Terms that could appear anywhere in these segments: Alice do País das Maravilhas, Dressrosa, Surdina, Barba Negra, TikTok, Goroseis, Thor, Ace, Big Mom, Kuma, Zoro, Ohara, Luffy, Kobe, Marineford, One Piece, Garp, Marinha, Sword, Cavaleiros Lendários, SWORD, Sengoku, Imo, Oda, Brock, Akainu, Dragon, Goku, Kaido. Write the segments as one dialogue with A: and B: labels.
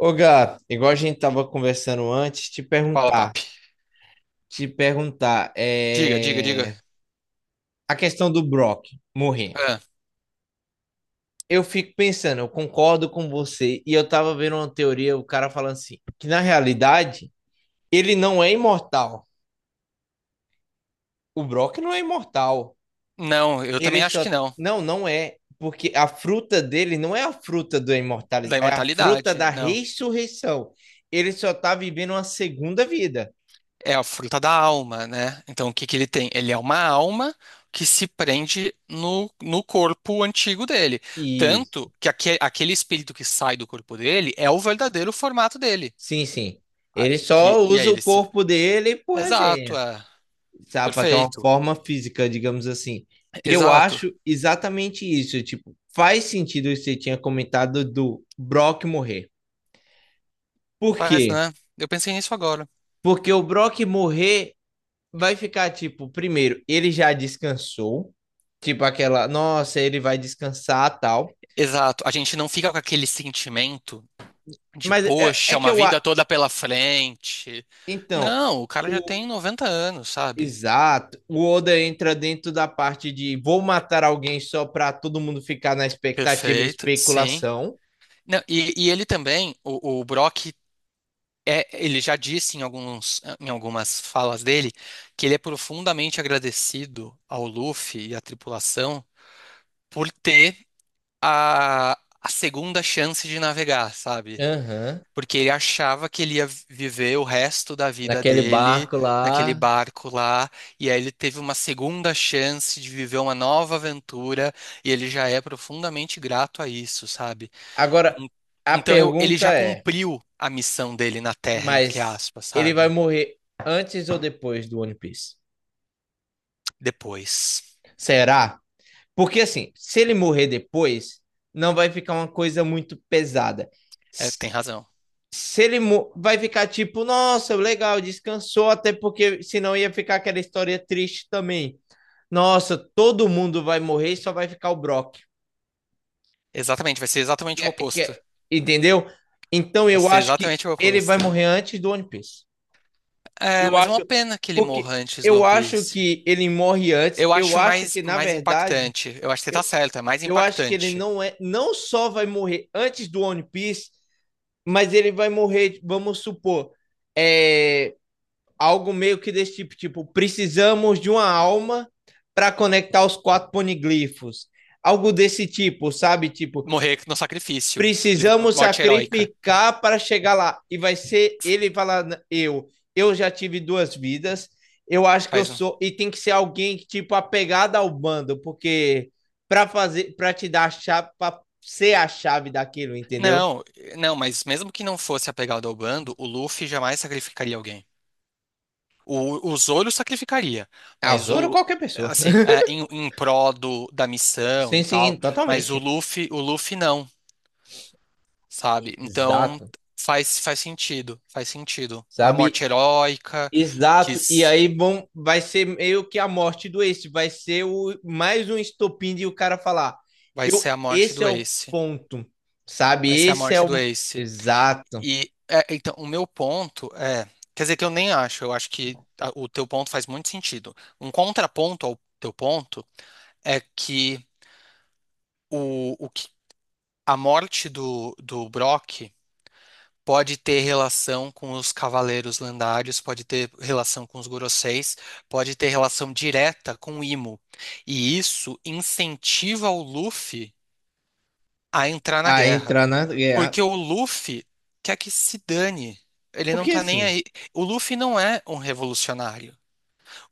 A: Ô, Gato, igual a gente tava conversando antes, te
B: Fala,
A: perguntar,
B: papi.
A: te perguntar,
B: Diga, diga, diga.
A: é... a questão do Brock morrer.
B: Ah,
A: Eu fico pensando, eu concordo com você, e eu tava vendo uma teoria, o cara falando assim, que na realidade, ele não é imortal. O Brock não é imortal.
B: não, eu
A: Ele
B: também acho
A: só...
B: que não.
A: Não, não é. Porque a fruta dele não é a fruta da imortalidade,
B: Da
A: é a fruta
B: imortalidade,
A: da
B: não.
A: ressurreição. Ele só tá vivendo uma segunda vida.
B: É a fruta da alma, né? Então, o que que ele tem? Ele é uma alma que se prende no corpo astigo dele.
A: Isso.
B: Tanto que aquele espírito que sai do corpo dele é o verdadeiro formato dele.
A: Sim, sim. Ele só
B: E aí
A: usa o
B: ele se.
A: corpo dele por
B: Exato,
A: resenha,
B: é.
A: sabe? Pra ter uma
B: Perfeito.
A: forma física, digamos assim. Eu
B: Exato.
A: acho exatamente isso. Tipo, faz sentido o que você tinha comentado do Brock morrer. Por
B: Faz,
A: quê?
B: né? Eu pensei nisso agora.
A: Porque o Brock morrer vai ficar, tipo, primeiro, ele já descansou. Tipo, aquela, nossa, ele vai descansar, tal.
B: Exato. A gente não fica com aquele sentimento de
A: Mas é
B: poxa,
A: que
B: uma vida toda pela frente.
A: então,
B: Não, o cara já tem 90 anos, sabe?
A: exato. O Oda entra dentro da parte de vou matar alguém só pra todo mundo ficar na expectativa e
B: Perfeito, sim.
A: especulação.
B: Não, e ele também, o Brock, ele já disse em alguns, em algumas falas dele que ele é profundamente agradecido ao Luffy e à tripulação por ter a, a segunda chance de navegar, sabe?
A: Aham.
B: Porque ele achava que ele ia viver o resto da vida
A: Naquele
B: dele
A: barco
B: naquele
A: lá.
B: barco lá, e aí ele teve uma segunda chance de viver uma nova aventura, e ele já é profundamente grato a isso, sabe?
A: Agora,
B: En-
A: a
B: Então ele
A: pergunta
B: já
A: é,
B: cumpriu a missão dele na Terra, entre
A: mas
B: aspas,
A: ele vai
B: sabe?
A: morrer antes ou depois do One Piece?
B: Depois.
A: Será? Porque assim, se ele morrer depois, não vai ficar uma coisa muito pesada.
B: É, tem razão.
A: Se ele vai ficar tipo, nossa, legal, descansou, até porque senão ia ficar aquela história triste também. Nossa, todo mundo vai morrer, e só vai ficar o Brock.
B: Exatamente, vai ser
A: Que
B: exatamente
A: é-
B: o
A: que
B: oposto.
A: é- Entendeu? Então
B: Vai
A: eu
B: ser
A: acho que
B: exatamente o
A: ele vai
B: oposto.
A: morrer antes do One Piece.
B: É,
A: Eu
B: mas é
A: acho
B: uma pena que ele
A: porque
B: morra antes do
A: eu
B: One
A: acho
B: Piece.
A: que ele morre antes.
B: Eu
A: Eu
B: acho
A: acho que na
B: mais
A: verdade,
B: impactante. Eu acho que você tá certo, é mais
A: eu acho que ele
B: impactante.
A: não é, não só vai morrer antes do One Piece, mas ele vai morrer, vamos supor, é algo meio que desse tipo, precisamos de uma alma para conectar os quatro poniglifos. Algo desse tipo, sabe? Tipo,
B: Morrer no sacrifício.
A: precisamos
B: Morte heróica.
A: sacrificar para chegar lá. E vai ser ele falar, eu já tive duas vidas, eu acho que eu
B: Faz um.
A: sou e tem que ser alguém que tipo apegado ao bando, porque para te dar a chave, para ser a chave daquilo, entendeu?
B: Não, não, mas mesmo que não fosse apegado ao bando, o Luffy jamais sacrificaria alguém. O Zoro sacrificaria,
A: Ah, o
B: mas
A: Zoro ou
B: o.
A: qualquer pessoa.
B: Assim, é, em pró da missão
A: Sim,
B: e tal.
A: sim,
B: Mas
A: totalmente.
B: O Luffy não, sabe? Então
A: Exato.
B: faz, faz sentido, faz sentido. Uma
A: Sabe?
B: morte heróica, que
A: Exato, e
B: s-
A: aí vai ser meio que a morte do Ace, vai ser mais um estopim de o cara falar,
B: vai ser a morte
A: esse
B: do
A: é o
B: Ace.
A: ponto, sabe?
B: Vai ser a
A: Esse é
B: morte do
A: o...
B: Ace.
A: Exato,
B: E é, então, o meu ponto é. Quer dizer que eu nem acho, eu acho que o teu ponto faz muito sentido. Um contraponto ao teu ponto é que o que a morte do Brock pode ter relação com os Cavaleiros Lendários, pode ter relação com os Goroseis, pode ter relação direta com o Imo. E isso incentiva o Luffy a entrar na
A: a
B: guerra.
A: entrar na guerra.
B: Porque o Luffy quer que se dane. Ele não
A: Porque
B: tá nem
A: assim,
B: aí. O Luffy não é um revolucionário.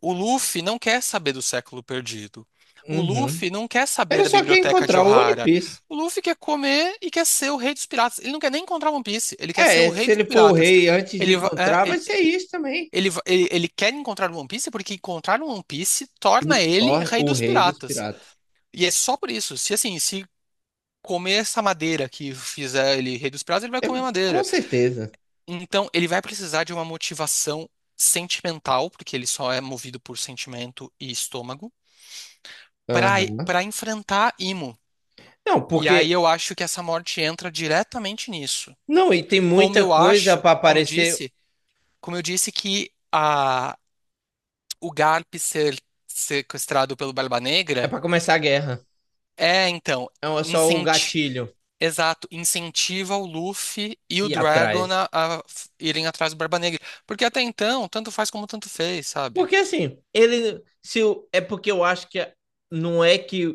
B: O Luffy não quer saber do século perdido. O
A: uhum.
B: Luffy não quer saber
A: Ele
B: da
A: só quer
B: biblioteca de
A: encontrar o One
B: Ohara.
A: Piece.
B: O Luffy quer comer e quer ser o rei dos piratas. Ele não quer nem encontrar One Piece. Ele quer ser
A: É,
B: o rei
A: se
B: dos
A: ele for o
B: piratas.
A: rei antes de
B: Ele,
A: encontrar, vai ser isso também.
B: ele quer encontrar o One Piece porque encontrar o One Piece
A: O
B: torna ele
A: Thor,
B: rei
A: o
B: dos
A: rei dos
B: piratas.
A: piratas.
B: E é só por isso. Se assim, se comer essa madeira que fizer ele rei dos piratas, ele vai
A: É,
B: comer
A: com
B: madeira.
A: certeza.
B: Então, ele vai precisar de uma motivação sentimental, porque ele só é movido por sentimento e estômago, para
A: Aham.
B: para enfrentar Imo.
A: Não,
B: E
A: porque...
B: aí eu acho que essa morte entra diretamente nisso.
A: Não, e tem
B: Como
A: muita
B: eu
A: coisa
B: acho,
A: para aparecer,
B: como eu disse que a, o Garp ser sequestrado pelo Barba
A: é
B: Negra
A: para começar a guerra.
B: é, então,
A: É só o
B: incenti
A: gatilho
B: exato, incentiva o Luffy e o
A: ir
B: Dragon
A: atrás.
B: a, irem atrás do Barba Negra. Porque até então, tanto faz como tanto fez, sabe?
A: Porque assim, ele. Se, o- é porque eu acho que não é que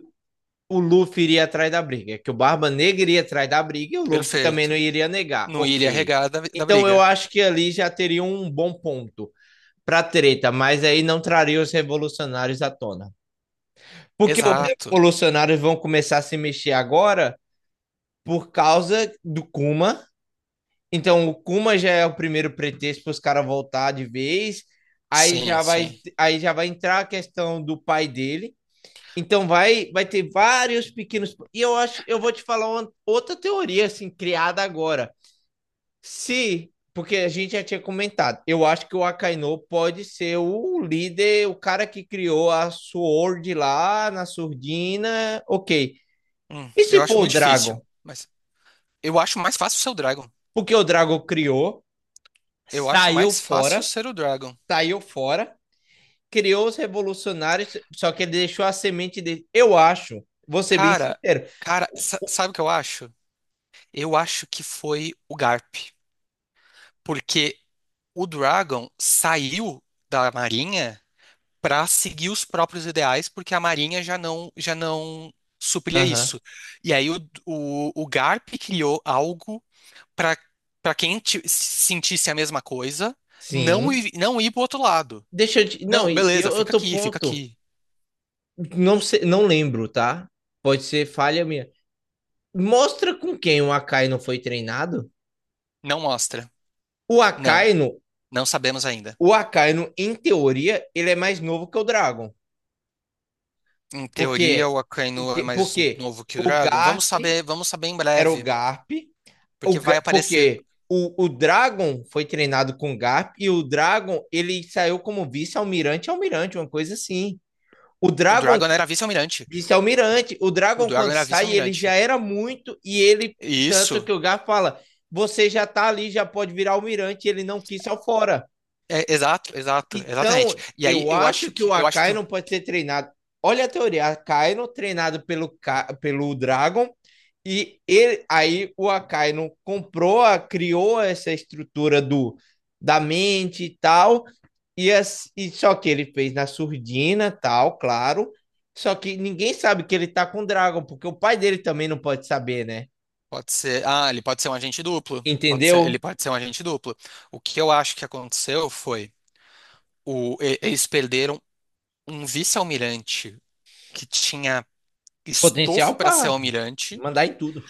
A: o Luffy iria atrás da briga, é que o Barba Negra iria atrás da briga e o Luffy também não
B: Perfeito.
A: iria negar.
B: Não iria
A: Ok.
B: regar da
A: Então eu
B: briga.
A: acho que ali já teria um bom ponto pra treta, mas aí não traria os revolucionários à tona. Porque os
B: Exato.
A: revolucionários vão começar a se mexer agora por causa do Kuma. Então, o Kuma já é o primeiro pretexto para os caras voltar de vez. Aí
B: Sim,
A: já vai,
B: sim.
A: aí já vai entrar a questão do pai dele. Então vai ter vários pequenos. E eu acho, eu vou te falar uma, outra teoria assim criada agora. Se, Porque a gente já tinha comentado, eu acho que o Akainu pode ser o líder, o cara que criou a Sword lá na Surdina, ok. E se
B: Eu acho
A: for o
B: muito
A: Dragon?
B: difícil. Mas eu acho mais fácil ser o Dragon.
A: Porque o Dragon criou,
B: Eu acho
A: saiu
B: mais fácil
A: fora,
B: ser o Dragon.
A: saiu fora criou os revolucionários, só que ele deixou a semente dele. Eu acho, vou ser bem
B: Cara,
A: sincero.
B: cara, sabe o que eu acho? Eu acho que foi o Garp. Porque o Dragon saiu da Marinha pra seguir os próprios ideais, porque a Marinha já não supria
A: Aham.
B: isso. E aí o Garp criou algo para para quem sentisse a mesma coisa,
A: Sim.
B: não ir pro outro lado.
A: Deixa eu te...
B: Não,
A: Não, e
B: beleza,
A: eu
B: fica
A: tô
B: aqui, fica
A: ponto.
B: aqui.
A: Não sei, não lembro, tá? Pode ser falha minha. Mostra com quem o Akainu foi treinado.
B: Não mostra.
A: O
B: Não,
A: Akainu,
B: não sabemos ainda.
A: o Akainu, em teoria, ele é mais novo que o Dragon.
B: Em teoria,
A: Porque,
B: o Akainu é mais
A: porque
B: novo que o
A: o
B: Dragon.
A: Garp
B: Vamos saber em
A: era o
B: breve,
A: Garp,
B: porque
A: O
B: vai aparecer.
A: porque o Dragon foi treinado com o Garp e o Dragon ele saiu como vice-almirante, almirante, uma coisa assim. O
B: O
A: Dragon,
B: Dragon era vice-almirante.
A: vice-almirante, o
B: O
A: Dragon
B: Dragon
A: quando
B: era
A: sai, ele já
B: vice-almirante.
A: era muito e ele, tanto
B: Isso.
A: que o Garp fala, você já tá ali, já pode virar almirante, ele não quis ao fora.
B: É, exato, exato, exatamente.
A: Então,
B: E aí
A: eu acho que o
B: eu acho que
A: Akainu pode ser treinado. Olha a teoria, Akainu treinado pelo, Dragon e ele, aí o Akainu comprou, criou essa estrutura do da mente e tal, e só que ele fez na surdina, tal, claro. Só que ninguém sabe que ele tá com o Dragon, porque o pai dele também não pode saber, né?
B: pode ser, ah, ele pode ser um agente duplo. Pode ser,
A: Entendeu?
B: ele pode ser um agente duplo. O que eu acho que aconteceu foi eles perderam um vice-almirante que tinha estofo
A: Potencial
B: para ser
A: pra
B: almirante,
A: mandar em tudo.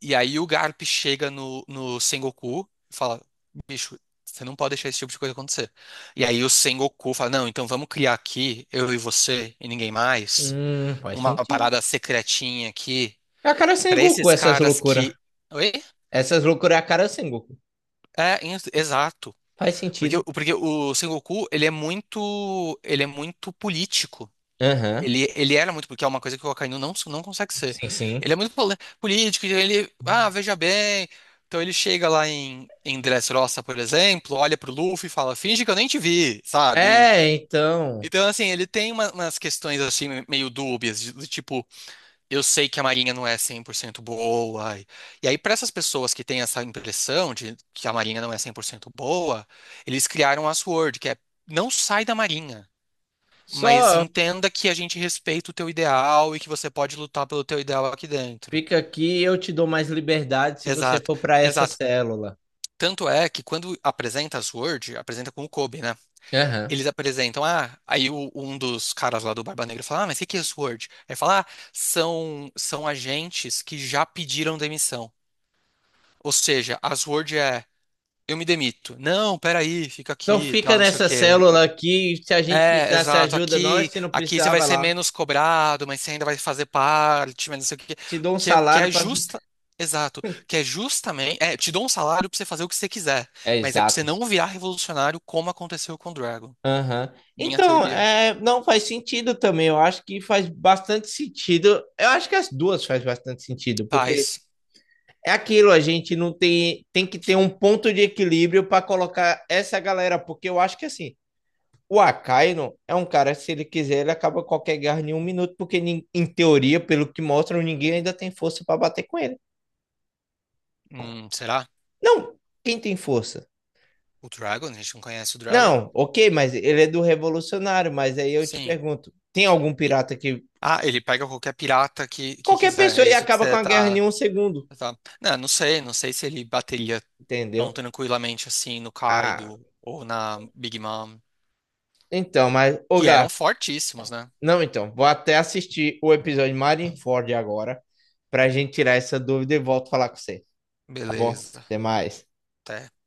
B: e aí o Garp chega no Sengoku e fala: bicho, você não pode deixar esse tipo de coisa acontecer. E aí o Sengoku fala: não, então vamos criar aqui, eu e você e ninguém mais,
A: Faz
B: uma
A: sentido.
B: parada secretinha aqui,
A: É a cara sem
B: para
A: Goku,
B: esses
A: essas
B: caras
A: loucuras.
B: que. Oi?
A: Essas loucuras é a cara sem Goku.
B: É, exato.
A: Faz
B: Porque,
A: sentido.
B: porque o Sengoku, ele é muito político.
A: Aham. Uhum.
B: Ele era muito, porque é uma coisa que o Akainu não, não consegue ser.
A: Sim,
B: Ele
A: sim.
B: é muito político, então ele, ah, veja bem. Então ele chega lá em, em Dressrosa, por exemplo, olha pro Luffy e fala, finge que eu nem te vi, sabe? E-
A: É, então.
B: Então, assim, ele tem umas questões, assim, meio dúbias, do tipo, eu sei que a Marinha não é 100% boa. E aí, para essas pessoas que têm essa impressão de que a Marinha não é 100% boa, eles criaram a SWORD, que é, não sai da Marinha. Mas
A: Só
B: entenda que a gente respeita o teu ideal e que você pode lutar pelo teu ideal aqui dentro.
A: fica aqui, eu te dou mais liberdade se você
B: Exato,
A: for para essa
B: exato.
A: célula.
B: Tanto é que quando apresenta as Word, apresenta com o Kobe, né?
A: Aham.
B: Eles apresentam, ah, aí um dos caras lá do Barba Negra fala, ah, mas o que que é Sword? Aí fala, ah, são, são agentes que já pediram demissão. Ou seja, as Word é, eu me demito. Não, peraí, fica
A: Então
B: aqui,
A: fica
B: tal, não sei o
A: nessa
B: quê.
A: célula aqui, se a gente
B: É,
A: precisar, você
B: exato.
A: ajuda nós,
B: Aqui,
A: se não
B: aqui você
A: precisar,
B: vai
A: vai
B: ser
A: lá.
B: menos cobrado, mas você ainda vai fazer parte, mas não sei o quê.
A: Te dou um
B: Que, que
A: salário
B: é
A: para.
B: justa. Exato. Que é justamente. É, te dou um salário pra você fazer o que você quiser.
A: É
B: Mas é pra você
A: exato.
B: não virar revolucionário como aconteceu com o Dragon.
A: Aham.
B: Minha
A: Então,
B: teoria.
A: é, não faz sentido também. Eu acho que faz bastante sentido. Eu acho que as duas faz bastante sentido, porque
B: Paz.
A: é aquilo, a gente não tem, tem que ter um ponto de equilíbrio para colocar essa galera, porque eu acho que assim, o Akainu é um cara, se ele quiser, ele acaba qualquer guerra em um minuto, porque em teoria, pelo que mostram, ninguém ainda tem força para bater com ele.
B: Será?
A: Não, quem tem força?
B: O Dragon? A gente não conhece o Dragon?
A: Não, ok, mas ele é do revolucionário, mas aí eu te
B: Sim.
A: pergunto, tem algum
B: E-
A: pirata que
B: Ah, ele pega qualquer pirata que
A: qualquer
B: quiser. É
A: pessoa e
B: isso que
A: acaba com
B: você
A: a guerra em
B: tá.
A: um segundo,
B: Tá. Não, não sei, não sei se ele bateria tão
A: entendeu?
B: tranquilamente assim no
A: Ah,
B: Kaido ou na Big Mom,
A: então, mas ô
B: que eram fortíssimos, né?
A: Não, então, vou até assistir o episódio Marineford agora pra gente tirar essa dúvida e volto a falar com você, tá bom?
B: Beleza.
A: Até mais.
B: Até.